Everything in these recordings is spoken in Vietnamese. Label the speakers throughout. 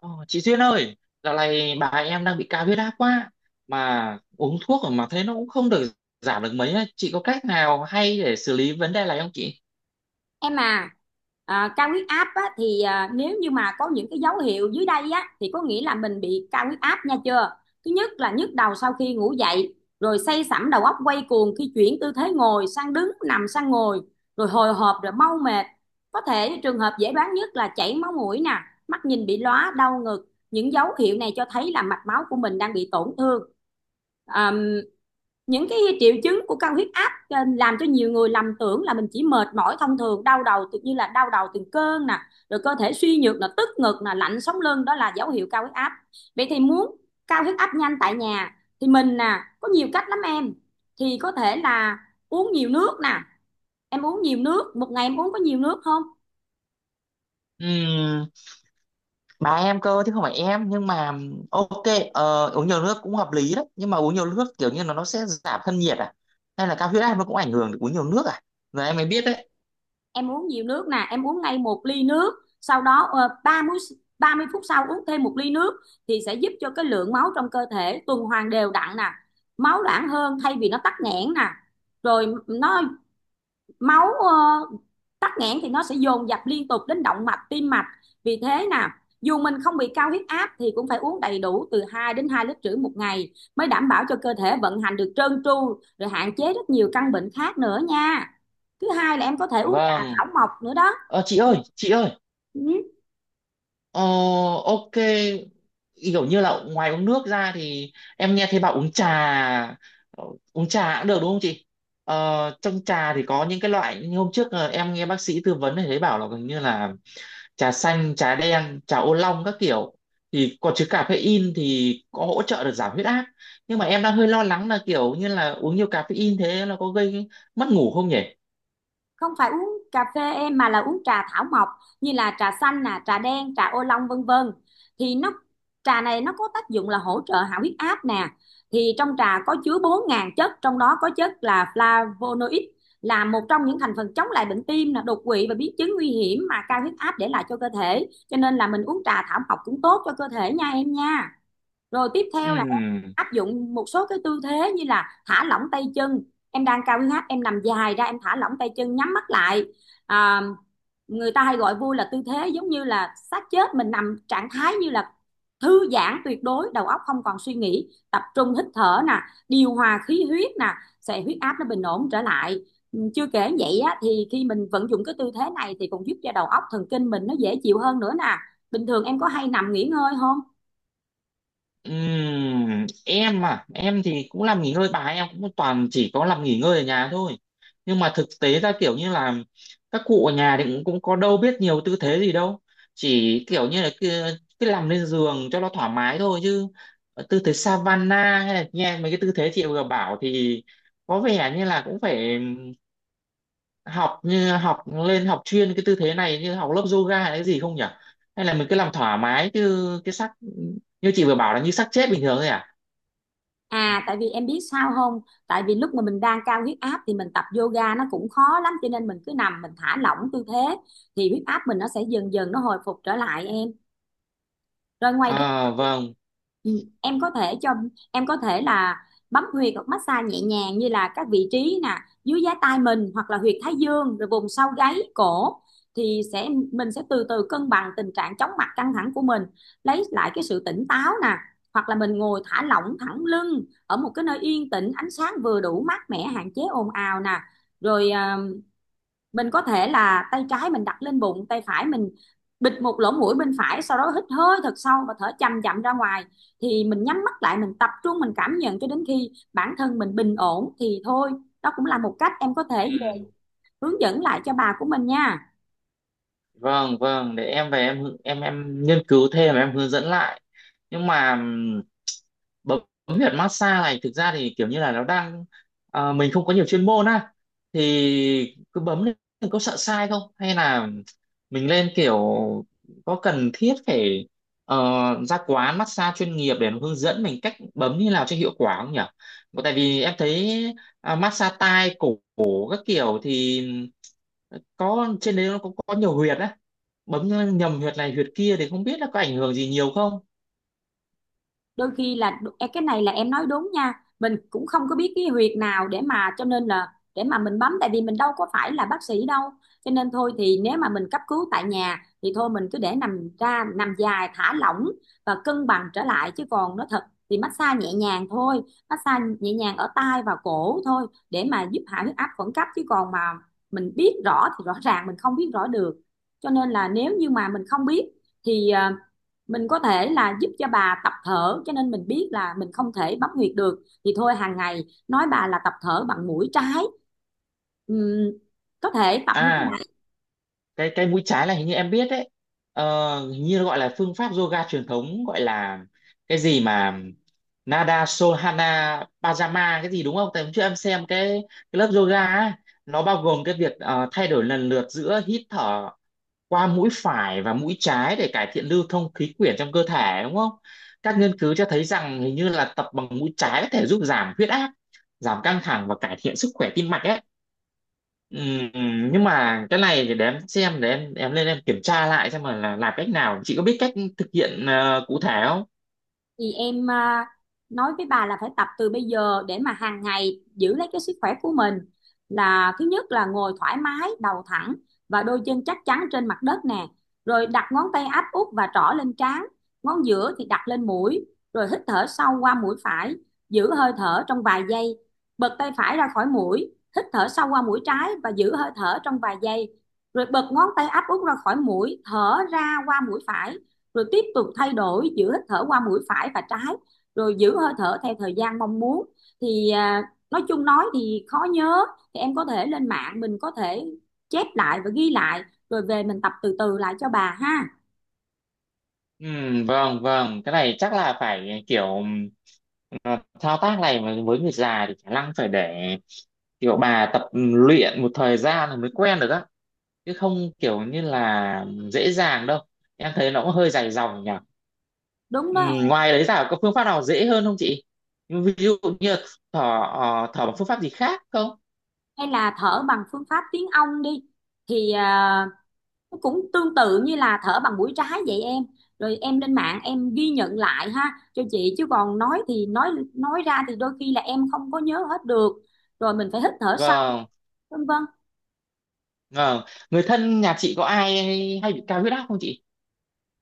Speaker 1: Ờ, chị Duyên ơi, dạo này bà em đang bị cao huyết áp quá mà uống thuốc mà thấy nó cũng không được giảm được mấy á. Chị có cách nào hay để xử lý vấn đề này không chị?
Speaker 2: Em à. Cao huyết áp á, thì nếu như mà có những cái dấu hiệu dưới đây á thì có nghĩa là mình bị cao huyết áp nha chưa. Thứ nhất là nhức đầu sau khi ngủ dậy, rồi say sẩm đầu óc quay cuồng khi chuyển tư thế ngồi sang đứng, nằm sang ngồi, rồi hồi hộp, rồi mau mệt. Có thể trường hợp dễ đoán nhất là chảy máu mũi nè, mắt nhìn bị lóa, đau ngực. Những dấu hiệu này cho thấy là mạch máu của mình đang bị tổn thương. Những cái triệu chứng của cao huyết áp làm cho nhiều người lầm tưởng là mình chỉ mệt mỏi thông thường. Đau đầu tự nhiên là đau đầu từng cơn nè, rồi cơ thể suy nhược, là tức ngực, là lạnh sống lưng, đó là dấu hiệu cao huyết áp. Vậy thì muốn cao huyết áp nhanh tại nhà thì mình nè có nhiều cách lắm em. Thì có thể là uống nhiều nước nè. Em uống nhiều nước, một ngày em uống có nhiều nước không?
Speaker 1: Ừm, bà em cơ chứ không phải em, nhưng mà ok, uống nhiều nước cũng hợp lý đấy, nhưng mà uống nhiều nước kiểu như là nó sẽ giảm thân nhiệt à, hay là cao huyết áp nó cũng ảnh hưởng được uống nhiều nước à? Giờ em mới biết đấy.
Speaker 2: Em uống nhiều nước nè, em uống ngay một ly nước, sau đó 30 phút sau uống thêm một ly nước thì sẽ giúp cho cái lượng máu trong cơ thể tuần hoàn đều đặn nè, máu loãng hơn thay vì nó tắc nghẽn nè. Rồi nó, máu, tắc nghẽn thì nó sẽ dồn dập liên tục đến động mạch, tim mạch. Vì thế nè, dù mình không bị cao huyết áp thì cũng phải uống đầy đủ từ 2 đến 2,5 lít một ngày mới đảm bảo cho cơ thể vận hành được trơn tru, rồi hạn chế rất nhiều căn bệnh khác nữa nha. Thứ hai là em có thể uống trà
Speaker 1: Vâng.
Speaker 2: thảo mộc nữa đó.
Speaker 1: Chị ơi, chị ơi,
Speaker 2: Ừ.
Speaker 1: Ờ, ok. Kiểu như là ngoài uống nước ra thì em nghe thấy bảo uống trà, ờ, uống trà cũng được đúng không chị? Ờ, trong trà thì có những cái loại như hôm trước, em nghe bác sĩ tư vấn thì thấy bảo là gần như là trà xanh, trà đen, trà ô long các kiểu thì có chứa caffeine thì có hỗ trợ được giảm huyết áp. Nhưng mà em đang hơi lo lắng là kiểu như là uống nhiều caffeine thế là có gây mất ngủ không nhỉ?
Speaker 2: Không phải uống cà phê em, mà là uống trà thảo mộc, như là trà xanh nè, trà đen, trà ô long, vân vân. Thì nó, trà này nó có tác dụng là hỗ trợ hạ huyết áp nè. Thì trong trà có chứa 4.000 chất, trong đó có chất là flavonoid, là một trong những thành phần chống lại bệnh tim nè, đột quỵ và biến chứng nguy hiểm mà cao huyết áp để lại cho cơ thể. Cho nên là mình uống trà thảo mộc cũng tốt cho cơ thể nha em nha. Rồi tiếp
Speaker 1: Ừ.
Speaker 2: theo, áp dụng một số cái tư thế như là thả lỏng tay chân. Em đang cao huyết áp, em nằm dài ra, em thả lỏng tay chân, nhắm mắt lại. à, Người ta hay gọi vui là tư thế giống như là xác chết, mình nằm trạng thái như là thư giãn tuyệt đối, đầu óc không còn suy nghĩ, tập trung hít thở nè, điều hòa khí huyết nè, sẽ huyết áp nó bình ổn trở lại. Ừ, chưa kể vậy á, thì khi mình vận dụng cái tư thế này thì còn giúp cho đầu óc thần kinh mình nó dễ chịu hơn nữa nè. Bình thường em có hay nằm nghỉ ngơi không?
Speaker 1: Em à, em thì cũng làm nghỉ ngơi, bài em cũng toàn chỉ có làm nghỉ ngơi ở nhà thôi, nhưng mà thực tế ra kiểu như là các cụ ở nhà thì cũng có đâu biết nhiều tư thế gì đâu, chỉ kiểu như là cứ nằm lên giường cho nó thoải mái thôi, chứ tư thế Savana hay là nghe mấy cái tư thế chị vừa bảo thì có vẻ như là cũng phải học như học lên học chuyên cái tư thế này như học lớp yoga hay cái gì không nhỉ, hay là mình cứ làm thoải mái chứ cái sắc như chị vừa bảo là như sắc chết bình thường thôi à?
Speaker 2: À tại vì em biết sao không? Tại vì lúc mà mình đang cao huyết áp thì mình tập yoga nó cũng khó lắm, cho nên mình cứ nằm, mình thả lỏng tư thế thì huyết áp mình nó sẽ dần dần nó hồi phục trở lại em. Rồi ngoài ra,
Speaker 1: À vâng,
Speaker 2: ừ, em có thể cho em có thể là bấm huyệt hoặc massage nhẹ nhàng như là các vị trí nè, dưới giá tai mình hoặc là huyệt thái dương, rồi vùng sau gáy cổ, thì sẽ mình sẽ từ từ cân bằng tình trạng chóng mặt, căng thẳng của mình, lấy lại cái sự tỉnh táo nè. Hoặc là mình ngồi thả lỏng thẳng lưng ở một cái nơi yên tĩnh, ánh sáng vừa đủ, mát mẻ, hạn chế ồn ào nè. Rồi mình có thể là tay trái mình đặt lên bụng, tay phải mình bịt một lỗ mũi bên phải, sau đó hít hơi thật sâu và thở chậm chậm ra ngoài. Thì mình nhắm mắt lại, mình tập trung, mình cảm nhận cho đến khi bản thân mình bình ổn thì thôi. Đó cũng là một cách em có thể
Speaker 1: ừ,
Speaker 2: hướng dẫn lại cho bà của mình nha.
Speaker 1: vâng vâng, để em về em em nghiên cứu thêm em hướng dẫn lại. Nhưng mà bấm huyệt massage này thực ra thì kiểu như là nó đang, mình không có nhiều chuyên môn á, thì cứ bấm lên thì có sợ sai không, hay là mình lên kiểu có cần thiết phải ờ, ra quán massage chuyên nghiệp để nó hướng dẫn mình cách bấm như nào cho hiệu quả không nhỉ? Tại vì em thấy, massage tai cổ, cổ các kiểu thì có trên đấy nó có nhiều huyệt á, bấm nhầm huyệt này huyệt kia thì không biết là có ảnh hưởng gì nhiều không.
Speaker 2: Đôi khi là cái này là em nói đúng nha, mình cũng không có biết cái huyệt nào để mà, cho nên là để mà mình bấm, tại vì mình đâu có phải là bác sĩ đâu. Cho nên thôi thì nếu mà mình cấp cứu tại nhà thì thôi mình cứ để nằm ra, nằm dài thả lỏng và cân bằng trở lại, chứ còn nó thật thì massage nhẹ nhàng thôi. Massage nhẹ nhàng ở tai và cổ thôi để mà giúp hạ huyết áp khẩn cấp, chứ còn mà mình biết rõ thì rõ ràng mình không biết rõ được. Cho nên là nếu như mà mình không biết thì mình có thể là giúp cho bà tập thở. Cho nên mình biết là mình không thể bấm huyệt được thì thôi, hàng ngày nói bà là tập thở bằng mũi trái. Ừm, có thể tập như
Speaker 1: À
Speaker 2: thế.
Speaker 1: cái mũi trái là hình như em biết đấy, hình như nó gọi là phương pháp yoga truyền thống, gọi là cái gì mà Nada Sohana Pajama cái gì đúng không? Tại hôm trước em xem cái lớp yoga ấy, nó bao gồm cái việc thay đổi lần lượt giữa hít thở qua mũi phải và mũi trái để cải thiện lưu thông khí quyển trong cơ thể đúng không? Các nghiên cứu cho thấy rằng hình như là tập bằng mũi trái có thể giúp giảm huyết áp, giảm căng thẳng và cải thiện sức khỏe tim mạch ấy. Ừm, nhưng mà cái này thì để em xem, để em lên em kiểm tra lại xem mà là làm cách nào. Chị có biết cách thực hiện cụ thể không?
Speaker 2: Thì em nói với bà là phải tập từ bây giờ để mà hàng ngày giữ lấy cái sức khỏe của mình. Là thứ nhất là ngồi thoải mái, đầu thẳng và đôi chân chắc chắn trên mặt đất nè, rồi đặt ngón tay áp út và trỏ lên trán, ngón giữa thì đặt lên mũi, rồi hít thở sâu qua mũi phải, giữ hơi thở trong vài giây, bật tay phải ra khỏi mũi, hít thở sâu qua mũi trái và giữ hơi thở trong vài giây, rồi bật ngón tay áp út ra khỏi mũi, thở ra qua mũi phải, rồi tiếp tục thay đổi giữa hít thở qua mũi phải và trái, rồi giữ hơi thở theo thời gian mong muốn. Thì nói chung nói thì khó nhớ, thì em có thể lên mạng, mình có thể chép lại và ghi lại, rồi về mình tập từ từ lại cho bà ha.
Speaker 1: Vâng vâng, cái này chắc là phải kiểu ờ, thao tác này mà với người già thì khả năng phải để kiểu bà tập luyện một thời gian rồi mới quen được á, chứ không kiểu như là dễ dàng đâu. Em thấy nó cũng hơi dài dòng nhỉ.
Speaker 2: Đúng đó.
Speaker 1: Ngoài đấy ra có phương pháp nào dễ hơn không chị? Ví dụ như thở, thở bằng phương pháp gì khác không?
Speaker 2: Hay là thở bằng phương pháp tiếng ong đi, thì cũng tương tự như là thở bằng mũi trái vậy em. Rồi em lên mạng em ghi nhận lại ha cho chị, chứ còn nói thì nói ra thì đôi khi là em không có nhớ hết được. Rồi mình phải hít thở sâu,
Speaker 1: Vâng.
Speaker 2: vân vân.
Speaker 1: Ờ, Người thân nhà chị có ai hay bị cao huyết áp không chị?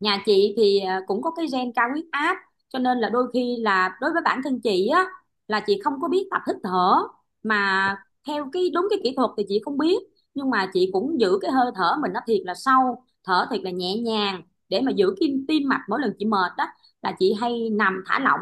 Speaker 2: Nhà chị thì cũng có cái gen cao huyết áp, cho nên là đôi khi là đối với bản thân chị á, là chị không có biết tập hít thở mà theo cái đúng cái kỹ thuật thì chị không biết. Nhưng mà chị cũng giữ cái hơi thở mình nó thiệt là sâu, thở thiệt là nhẹ nhàng để mà giữ cái tim mạch. Mỗi lần chị mệt đó là chị hay nằm thả lỏng,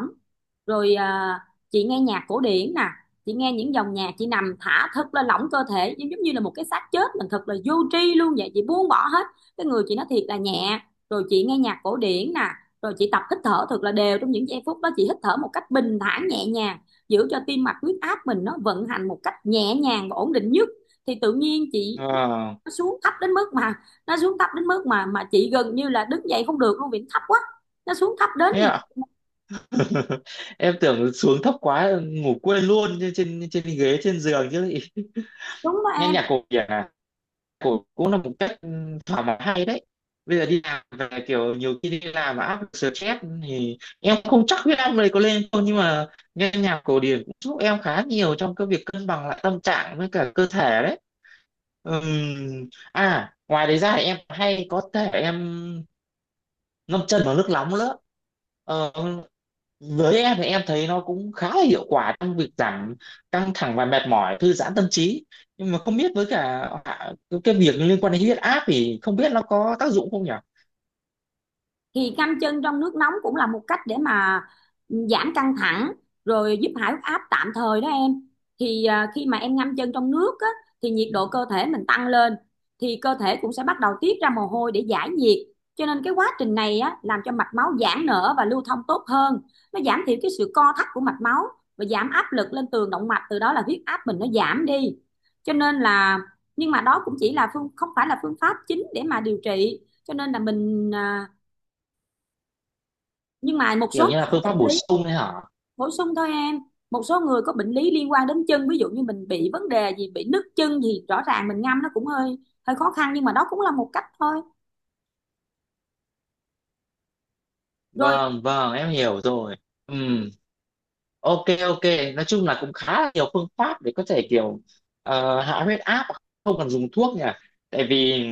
Speaker 2: rồi chị nghe nhạc cổ điển nè. Chị nghe những dòng nhạc, chị nằm thả thật là lỏng cơ thể, giống giống như là một cái xác chết, mình thật là vô tri luôn vậy, chị buông bỏ hết, cái người chị nó thiệt là nhẹ. Rồi chị nghe nhạc cổ điển nè, rồi chị tập hít thở thật là đều. Trong những giây phút đó chị hít thở một cách bình thản, nhẹ nhàng, giữ cho tim mạch, huyết áp mình nó vận hành một cách nhẹ nhàng và ổn định nhất. Thì tự nhiên chị,
Speaker 1: Ờ,
Speaker 2: nó xuống thấp đến mức mà, nó xuống thấp đến mức mà chị gần như là đứng dậy không được luôn vì nó thấp quá. Nó xuống thấp đến
Speaker 1: thế
Speaker 2: như
Speaker 1: ạ.
Speaker 2: vậy.
Speaker 1: Em tưởng xuống thấp quá ngủ quên luôn trên trên trên ghế, trên giường chứ.
Speaker 2: Đúng đó
Speaker 1: Nhanh
Speaker 2: em.
Speaker 1: nhạc cổ điển à? Cũng Cũng là một cách, ừ, thỏa mãn hay đấy. Bây giờ đi làm về kiểu nhiều khi đi làm mà áp lực stress thì em không chắc huyết áp này có lên không, nhưng mà nghe nhạc cổ điển cũng giúp em khá nhiều trong cái việc cân bằng lại tâm trạng với cả cơ thể đấy. Ngoài đấy ra thì em hay có thể em ngâm chân vào nước nóng nữa. Ờ, với em thì em thấy nó cũng khá là hiệu quả trong việc giảm căng thẳng và mệt mỏi, thư giãn tâm trí, nhưng mà không biết với cả cái việc liên quan đến huyết áp thì không biết nó có tác dụng không nhỉ.
Speaker 2: Thì ngâm chân trong nước nóng cũng là một cách để mà giảm căng thẳng, rồi giúp hạ huyết áp tạm thời đó em. Thì khi mà em ngâm chân trong nước á, thì nhiệt độ cơ thể mình tăng lên, thì cơ thể cũng sẽ bắt đầu tiết ra mồ hôi để giải nhiệt. Cho nên cái quá trình này á, làm cho mạch máu giãn nở và lưu thông tốt hơn, nó giảm thiểu cái sự co thắt của mạch máu và giảm áp lực lên tường động mạch, từ đó là huyết áp mình nó giảm đi. Cho nên là, nhưng mà đó cũng chỉ là phương, không phải là phương pháp chính để mà điều trị, cho nên là mình nhưng mà một số
Speaker 1: Kiểu
Speaker 2: người
Speaker 1: như là phương
Speaker 2: có
Speaker 1: pháp
Speaker 2: bệnh
Speaker 1: bổ
Speaker 2: lý,
Speaker 1: sung đấy hả?
Speaker 2: bổ sung thôi em. Một số người có bệnh lý liên quan đến chân, ví dụ như mình bị vấn đề gì, bị nứt chân gì, rõ ràng mình ngâm nó cũng hơi hơi khó khăn, nhưng mà đó cũng là một cách thôi. Rồi,
Speaker 1: Vâng vâng, em hiểu rồi. Ừm, ok ok, nói chung là cũng khá là nhiều phương pháp để có thể kiểu hạ huyết áp không cần dùng thuốc nhỉ. Tại vì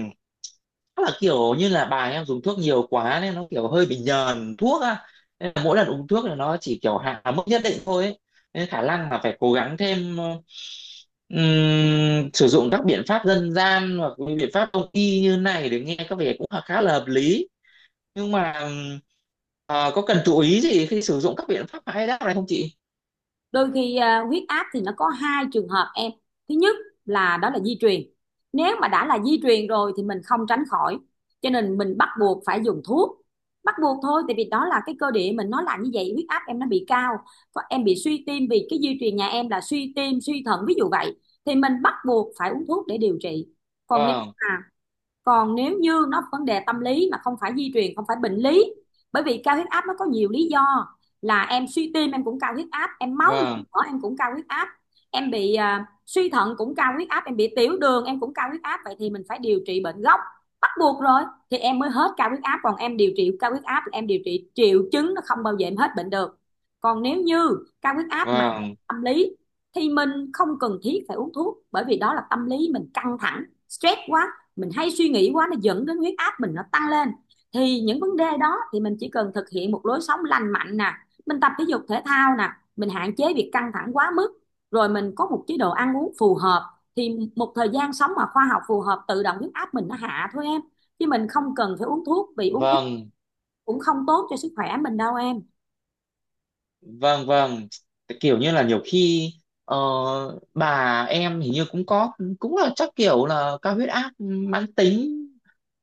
Speaker 1: chắc là kiểu như là bà em dùng thuốc nhiều quá nên nó kiểu hơi bị nhờn thuốc á, nên là mỗi lần uống thuốc là nó chỉ kiểu hạ mức nhất định thôi ấy. Nên khả năng là phải cố gắng thêm, sử dụng các biện pháp dân gian hoặc những biện pháp đông y như này để nghe có vẻ cũng là khá là hợp lý. Nhưng mà có cần chú ý gì khi sử dụng các biện pháp mà hay đáp này không chị?
Speaker 2: đôi khi huyết áp thì nó có 2 trường hợp em. Thứ nhất là đó là di truyền. Nếu mà đã là di truyền rồi thì mình không tránh khỏi, cho nên mình bắt buộc phải dùng thuốc, bắt buộc thôi. Tại vì đó là cái cơ địa mình nó là như vậy, huyết áp em nó bị cao, em bị suy tim vì cái di truyền nhà em là suy tim, suy thận ví dụ vậy, thì mình bắt buộc phải uống thuốc để điều trị. Còn nếu
Speaker 1: vâng
Speaker 2: mà, còn nếu như nó vấn đề tâm lý mà không phải di truyền, không phải bệnh lý, bởi vì cao huyết áp nó có nhiều lý do. Là em suy tim em cũng cao huyết áp, em máu nhiễm
Speaker 1: vâng
Speaker 2: mỡ em cũng cao huyết áp, em bị suy thận cũng cao huyết áp, em bị tiểu đường em cũng cao huyết áp, vậy thì mình phải điều trị bệnh gốc, bắt buộc rồi, thì em mới hết cao huyết áp. Còn em điều trị cao huyết áp là em điều trị triệu chứng, nó không bao giờ em hết bệnh được. Còn nếu như cao huyết áp mà
Speaker 1: vâng
Speaker 2: tâm lý thì mình không cần thiết phải uống thuốc, bởi vì đó là tâm lý mình căng thẳng, stress quá, mình hay suy nghĩ quá, nó dẫn đến huyết áp mình nó tăng lên. Thì những vấn đề đó thì mình chỉ cần thực hiện một lối sống lành mạnh nè, mình tập thể dục thể thao nè, mình hạn chế việc căng thẳng quá mức, rồi mình có một chế độ ăn uống phù hợp, thì một thời gian sống mà khoa học phù hợp, tự động huyết áp mình nó hạ thôi em. Chứ mình không cần phải uống thuốc, vì uống thuốc
Speaker 1: vâng
Speaker 2: cũng không tốt cho sức khỏe mình đâu em.
Speaker 1: Vâng vâng, kiểu như là nhiều khi ờ, bà em hình như cũng có, cũng là chắc kiểu là cao huyết áp mãn tính,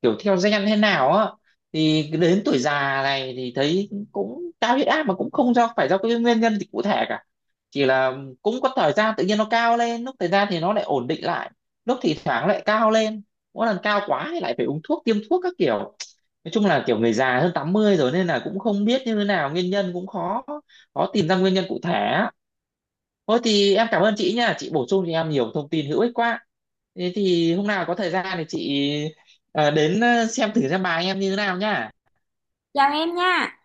Speaker 1: kiểu theo gen thế nào á, thì đến tuổi già này thì thấy cũng cao huyết áp mà cũng không do phải do cái nguyên nhân gì cụ thể cả. Chỉ là cũng có thời gian tự nhiên nó cao lên, lúc thời gian thì nó lại ổn định lại, lúc thì thoảng lại cao lên, mỗi lần cao quá thì lại phải uống thuốc tiêm thuốc các kiểu. Nói chung là kiểu người già hơn 80 rồi nên là cũng không biết như thế nào, nguyên nhân cũng khó khó tìm ra nguyên nhân cụ thể á. Thôi thì em cảm ơn chị nha, chị bổ sung cho em nhiều thông tin hữu ích quá. Thế thì hôm nào có thời gian thì chị đến xem thử xem bài em như thế nào nha.
Speaker 2: Chào em nha.